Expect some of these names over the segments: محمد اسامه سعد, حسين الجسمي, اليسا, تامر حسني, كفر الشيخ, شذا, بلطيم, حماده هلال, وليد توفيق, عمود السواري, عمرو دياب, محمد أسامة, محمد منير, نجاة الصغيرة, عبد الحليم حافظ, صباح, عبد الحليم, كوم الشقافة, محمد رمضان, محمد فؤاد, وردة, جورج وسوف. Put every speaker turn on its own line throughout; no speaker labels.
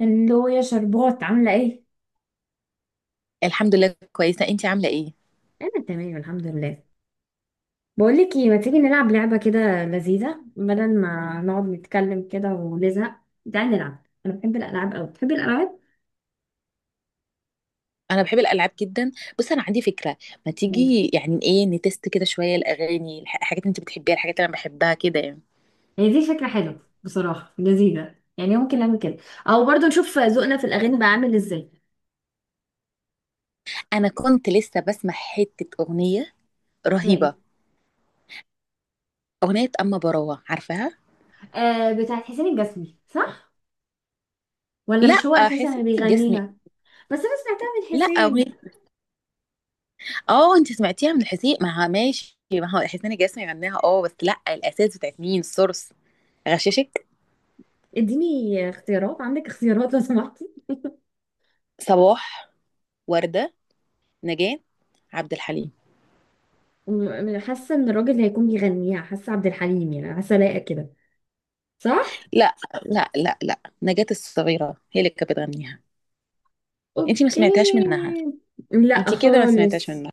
هلو يا شربات، عاملة ايه؟
الحمد لله كويسة، انتي عاملة ايه؟
انا تمام الحمد لله. بقولك ايه، ما تيجي نلعب لعبة كده لذيذة بدل ما نقعد نتكلم كده ونزهق؟ تعالي نلعب، انا بحب الالعاب اوي، بتحبي الالعاب؟
انا بحب الالعاب جدا. بص انا عندي فكرة. ما
قولي.
تيجي يعني ايه نتست كده شوية الاغاني الحاجات اللي انت بتحبيها الحاجات اللي انا بحبها كده يعني.
هي دي فكرة حلوة بصراحة، لذيذة يعني، ممكن نعمل كده. او برضو نشوف ذوقنا في الاغاني بقى عامل ازاي.
انا كنت لسه بسمع حتة اغنية
ده ايه؟
رهيبة. اغنية اما براوة، عارفاها؟
آه، بتاعت حسين الجسمي صح؟ ولا مش هو
لا
اساسا اللي
حسين الجسمي.
بيغنيها؟ بس انا سمعتها من
لا
حسين.
اغنية. اه انت سمعتيها من حسين. ما ماشي، ما هو حسين الجسمي غناها. اه بس لا، الاساس بتاعت مين، السورس؟ غششك.
اديني اختيارات، عندك اختيارات لو سمحتي.
صباح، وردة، نجاة، عبد الحليم.
حاسه ان الراجل اللي هيكون بيغنيها، حاسه عبد الحليم يعني، حاسه لايقه كده، صح.
لا لا لا لا، نجاة الصغيرة هي اللي كانت بتغنيها. انتي ما
اوكي.
سمعتهاش منها؟
لا
انتي كده ما سمعتهاش
خالص.
منها.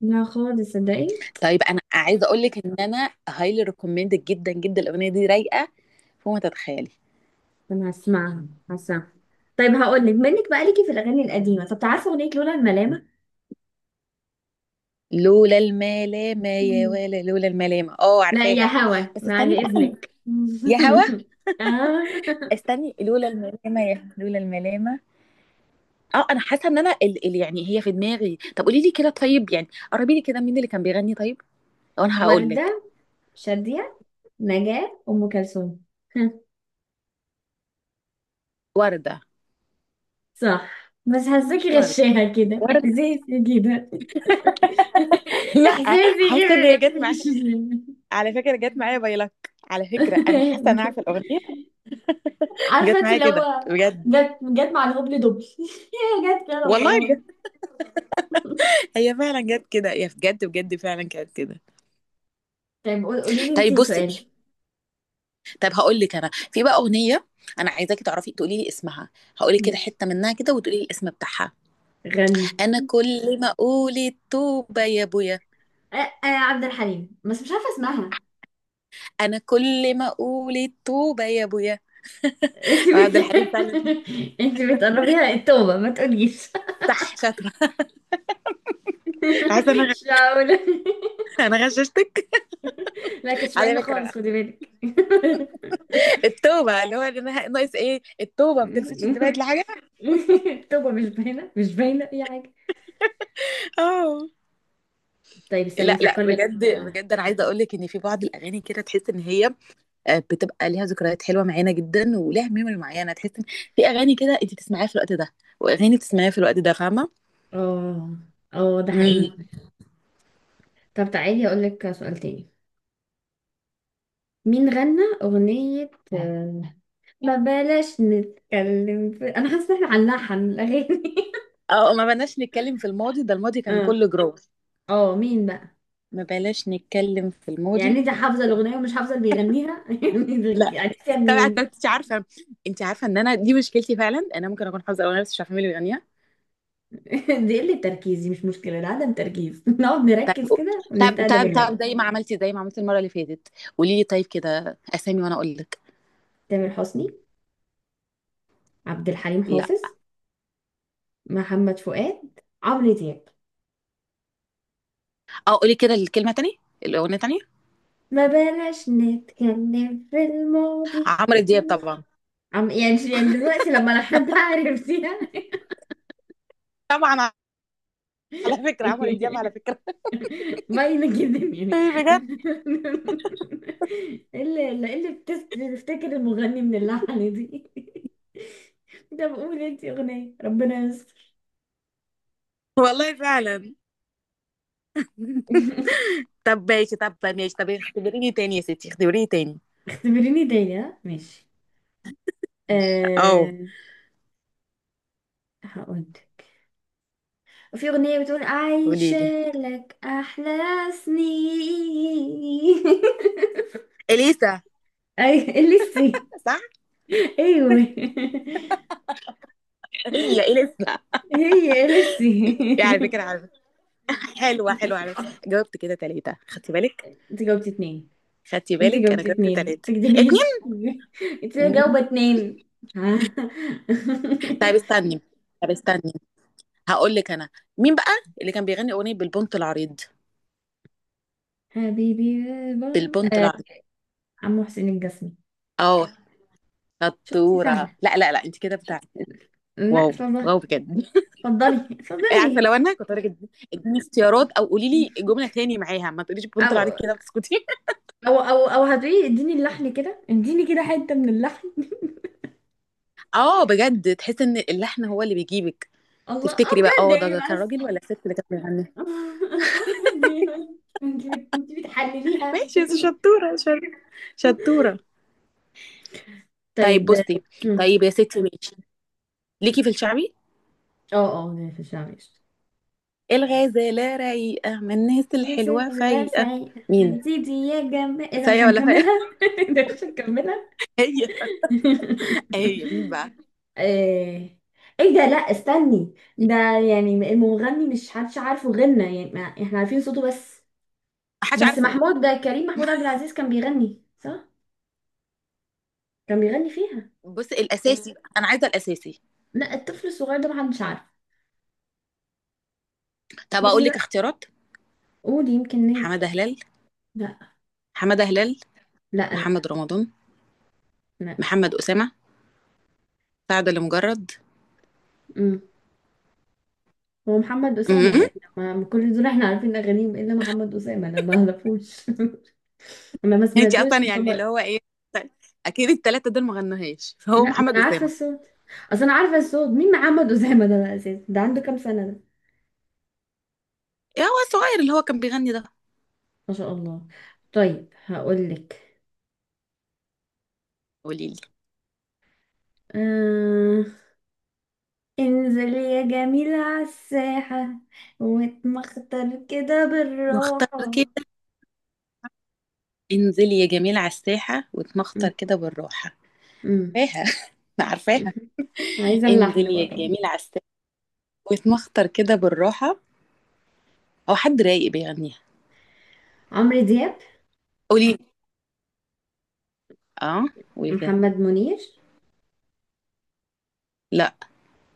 لا خالص صدقي.
طيب انا عايزة اقول لك ان انا هايلي ريكومندد جدا جدا، الاغنية دي رايقة فوق ما تتخيلي.
انا هسمعها هسمعها. طيب هقول لك منك بقى، ليكي في الاغاني القديمه، طب عارفه اغنيه لولا الملامه؟
لولا الملامة يا
مم.
ولا لولا الملامة، اه
لا يا
عارفاها.
هوا
بس
بعد
استني بقى،
اذنك
يا هوا،
آه.
استني. لولا الملامة يا لولا الملامة. اه انا حاسة ان انا ال يعني هي في دماغي. طب قولي لي كده طيب، يعني قربي لي كده مين اللي كان بيغني طيب، وانا هقول لك.
وردة، شادية، نجاة، أم كلثوم.
وردة؟
صح، بس
مش
حاساكي
وردة.
غشاها كده
وردة.
إحساسي كده.
لا،
احساسي
حاسه ان
كده.
هي جت
مش.
معايا. على فكره جت معايا باي لك. على فكره انا حاسه ان انا عارفه الاغنيه.
عارفه
جت
انت
معايا
اللي
كده
هو.
بجد.
جت جت مع الهبل دبل. هي جت كده
والله
وخلاص.
بجد، هي فعلا جت كده، هي بجد بجد فعلا كانت كده.
طيب قولي لي انت
طيب
سؤالي.
بصي. طب هقول لك انا في بقى اغنيه، انا عايزاكي تعرفي تقولي لي اسمها. هقول لك كده
ماشي،
حته منها كده وتقولي لي الاسم بتاعها.
غني.
انا كل ما اقول التوبه يا ابويا.
أه أه، عبد الحليم، بس مش عارفه اسمها.
انا كل ما اقول التوبه يا ابويا.
انت بت
عبد الحليم فعلا.
انت بتقربيها التوبه ما تقوليش.
صح شاطره. عايزه انا،
مش معقوله.
انا غششتك.
لا كانتش
على
باينه خالص،
فكره
خدي بالك.
التوبة اللي هو، اللي أنا ناقص ايه، التوبة، ما تلفتش انتباهك لحاجة؟
التوبه مش باينه، مش باينه اي حاجه.
اه.
طيب استني
لا لا
افكر
بجد
لك.
بجد، انا عايزه اقول لك ان في بعض الاغاني كده تحس ان هي بتبقى ليها ذكريات حلوه معانا جدا ولها ميموري معينه. تحس ان في اغاني كده انت بتسمعيها في الوقت ده، واغاني بتسمعيها في الوقت ده. فاهمه؟
اه اه، ده
امم.
حقيقي. طب تعالي اقول لك سؤال تاني. مين غنى اغنية ما بلاش نتكلم في...؟ انا حاسة ان احنا هنلحن الاغاني.
اه، ما بلاش نتكلم في الماضي، ده الماضي كان
اه
كله جروح.
اه، مين بقى؟
ما بلاش نتكلم في
يعني
الماضي.
انت حافظة الاغنية ومش حافظة اللي بيغنيها؟ يعني
لا،
عرفتيها
طبعا
منين؟
انت عارفه. انت عارفه ان انا دي مشكلتي فعلا، انا ممكن اكون حافظه اغاني بس مش عارفه مين اللي بيغنيها.
دي قلة تركيز، دي مش مشكلة، ده عدم تركيز. نقعد
طب
نركز كده
طب
ونستهدى
طب
بالله.
طب، زي ما عملتي زي ما عملتي المرة اللي فاتت، قولي لي طيب كده أسامي وأنا أقول لك.
تامر حسني، عبد الحليم
لا.
حافظ، محمد فؤاد، عمرو دياب.
أه، قولي كده الكلمة تاني، الأغنية تاني.
ما بلاش نتكلم في الماضي.
عمرو دياب طبعا.
يعني دلوقتي لما لو حد عرفتيها.
طبعا على فكرة عمرو دياب على فكرة.
باينة جدا يعني.
بجد.
ايه اللي إيه اللي بتفتكر المغني من اللحن دي؟ طب قولي انتي اغنية ربنا يستر.
والله فعلا. طب ماشي طب ماشي، طب اختبريني تاني يا ستي، اختبريني تاني.
اختبريني تاني، ها ماشي.
اه،
أه. هقول. في اغنية بتقول:
قولي لي.
عايشة لك احلى سنين.
اليسا.
اي. لسه.
صح.
ايوه.
هي اليسا.
هي اليسي.
يا على فكره على فكره، حلوه حلوه على فكره، جاوبت كده ثلاثه خدتي بالك.
انت جاوبتي اتنين،
خدتي
انت
بالك، انا
جاوبتي
جاوبت
اتنين
ثلاثه
تكدبيش.
اتنين.
انت جاوبة اتنين. ها.
طيب استني. طب استني، هقول لك انا، مين بقى اللي كان بيغني اغنيه بالبنط العريض؟
حبيبي بند
بالبنط
آه.
العريض.
عمو حسين الجسمي.
اه
شفتي
شطوره.
سهلة.
لا لا لا، انت كده بتاع.
لا
واو.
اتفضلي.
واو بجد.
اتفضلي
عارفه
اتفضلي.
لو انا كنت هقول لك اديني اختيارات او قولي لي جمله تاني معاها، ما تقوليش بالبنط
او
العريض كده بتسكتي.
او هتقولي اديني اللحن كده، اديني كده حتة من اللحن.
اه بجد، تحس ان اللحن هو اللي بيجيبك.
الله، اه
تفتكري بقى
بجد،
اه،
ايه
ده كان
بس.
راجل ولا ست اللي كانت بتغني؟
اه بجد، ايه بس. انت بتحلليها.
ماشي يا ستي، شطوره. شطوره. طيب
طيب.
بصي.
مم.
طيب يا ستي ماشي، ليكي في الشعبي.
اه اه، في الشعبي.
الغزاله رايقه من الناس
مثل
الحلوه
حلوة
فايقه.
سعيدة
مين؟
يا سيدي يا جماعة، ايه ده؟ مش
فيا ولا فيا؟
هنكملها. ده مش هنكملها.
هي. هي مين بقى؟
ايه. ايه ده؟ لا استني ده، يعني المغني مش حدش عارفه، غنى يعني ما احنا عارفين صوته بس.
محدش
بس
عارفه.
محمود ده، كريم محمود عبد العزيز كان بيغني، صح؟ كان بيغني فيها.
بص الاساسي بقى، انا عايزه الاساسي.
لا الطفل الصغير ده محدش عارف.
طب اقول
بصي
لك
بقى،
اختيارات.
قولي يمكن
حماده
ننجح.
هلال.
لا
حماده هلال.
لا لا
محمد رمضان، محمد اسامه، سعد اللي مجرد.
لا. هو محمد أسامة لأن ما كل دول احنا عارفين أغانيهم إلا محمد أسامة، أنا ما أعرفوش. أنا ما
انت
سمعتوش
اصلا
في
يعني اللي
طبق.
هو ايه، اكيد الثلاثه دول ما غنوهاش فهو
لا، ما
محمد
أنا عارفة
اسامه.
الصوت. أصل أنا عارفة الصوت، مين محمد أسامة ده بقى أساسا، ده عنده كام سنة ده؟
إيه هو الصغير اللي هو كان بيغني ده.
ما شاء الله. طيب هقولك.
قولي لي.
آه... انزل يا جميل على الساحة، واتمخطر كده
مختار
بالراحة.
كده، انزلي يا جميل على الساحه
م-
واتمخطر كده بالراحه.
م-
عارفاها.
م.
عارفاها.
عايزة اللحن
انزلي
بقى
يا
طبعا.
جميل على الساحه واتمخطر كده بالراحه. او حد رايق بيغنيها.
عمرو دياب.
قولي. اه قولي كده.
محمد منير.
لا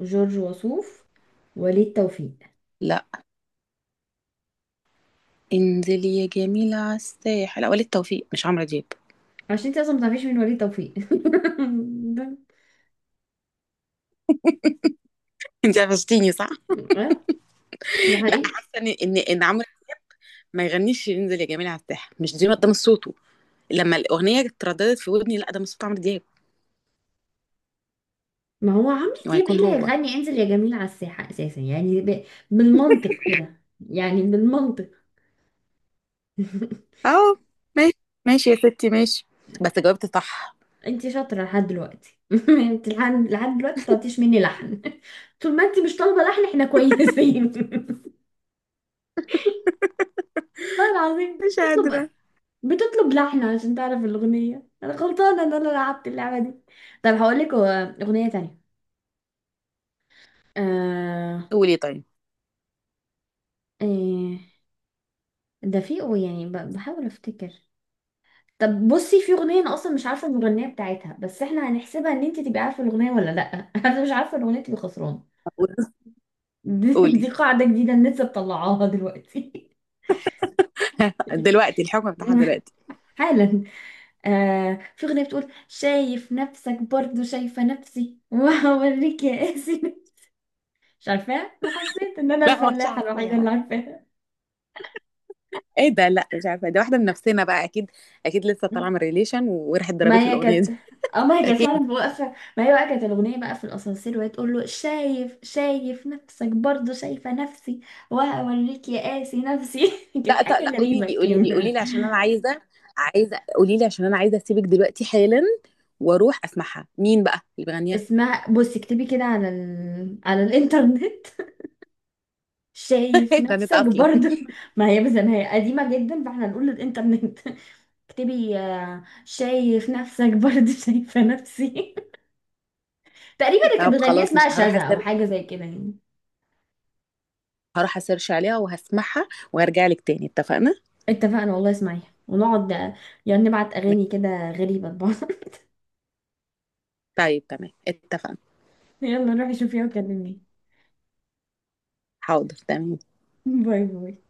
جورج وسوف. وليد توفيق.
لا. انزلي يا جميلة على الساحل، وليد توفيق مش عمرو دياب.
عشان انت اصلا ما تعرفيش مين وليد توفيق ده.
انت قفشتيني صح.
اه ده
لا،
حقيقي.
حاسه ان عمرو ما يغنيش انزل يا جميلة على الساحل، مش دي، ده مش صوته. لما الاغنيه اترددت في ودني، لا ده مش صوت عمرو دياب.
ما هو عمرو دياب ايه
وهيكون
اللي
هو.
هيغني انزل يا جميل على الساحة اساسا، يعني بالمنطق كده، يعني بالمنطق.
اه. ماشي. ماشي يا ستي ماشي. بس جاوبت صح.
انت شاطرة لحد دلوقتي. انت لحد دلوقتي ما طلبتيش مني لحن. طول ما انت مش طالبة لحن احنا كويسين. والله العظيم
مش
بتطلب
قادرة.
بتطلب لحن عشان تعرف الأغنية، أنا غلطانة إن أنا لعبت اللعبة دي. طب هقول لك أغنية تانية. آه...
قولي طيب.
إيه... ده في يعني بحاول افتكر. طب بصي، في اغنيه انا اصلا مش عارفه المغنيه بتاعتها، بس احنا هنحسبها ان انت تبقي عارفه الاغنيه ولا لا. انا مش عارفه الاغنيه تبقي خسران. دي
قولي.
قاعده جديده الناس لسه مطلعاها دلوقتي.
دلوقتي الحكم بتاعها دلوقتي.
حالا. آه في اغنيه بتقول: شايف نفسك برضو شايفه نفسي وهوريك يا قاسي. مش عارفاها، انا حسيت ان انا
لا مش
الفلاحه
عارفة
الوحيده اللي
يعني.
عارفاها.
ايه ده؟ لا مش عارفه، دي واحده من نفسنا بقى اكيد. اكيد لسه طالعه من ريليشن وراحت
ما
ضربت له
هي
الاغنيه
كانت.
دي.
اه ما هي كانت
اكيد.
فعلا واقفة، ما هي بقى كانت الأغنية بقى في الأسانسير، وهي تقول له: شايف شايف نفسك برضه، شايفة نفسي، وهوريك يا قاسي نفسي. كانت
لا
حاجة
لا، قولي
غريبة
لي قولي لي قولي
كده.
لي عشان انا عايزه، عايزه. قولي لي عشان انا عايزه اسيبك دلوقتي حالا واروح اسمعها، مين بقى اللي بيغنيها.
اسمها بصي اكتبي كده على على الإنترنت. شايف
ده نت
نفسك
اصلا.
برضه. ما هي قديمة جدا فاحنا نقول للإنترنت. اكتبي شايف نفسك برضه شايفة نفسي. تقريبا اللي كانت
طب
بتغنيها
خلاص مش
اسمها
هروح
شذا، أو
اسير.
حاجة زي كده يعني.
هروح اسيرش عليها وهسمعها وهرجع لك تاني، اتفقنا؟
اتفقنا، والله اسمعيها ونقعد يعني نبعت اغاني كده غريبة لبعض.
طيب تمام، اتفقنا.
يلا روحي شوفيها وكلميني.
حاضر تمام.
باي باي.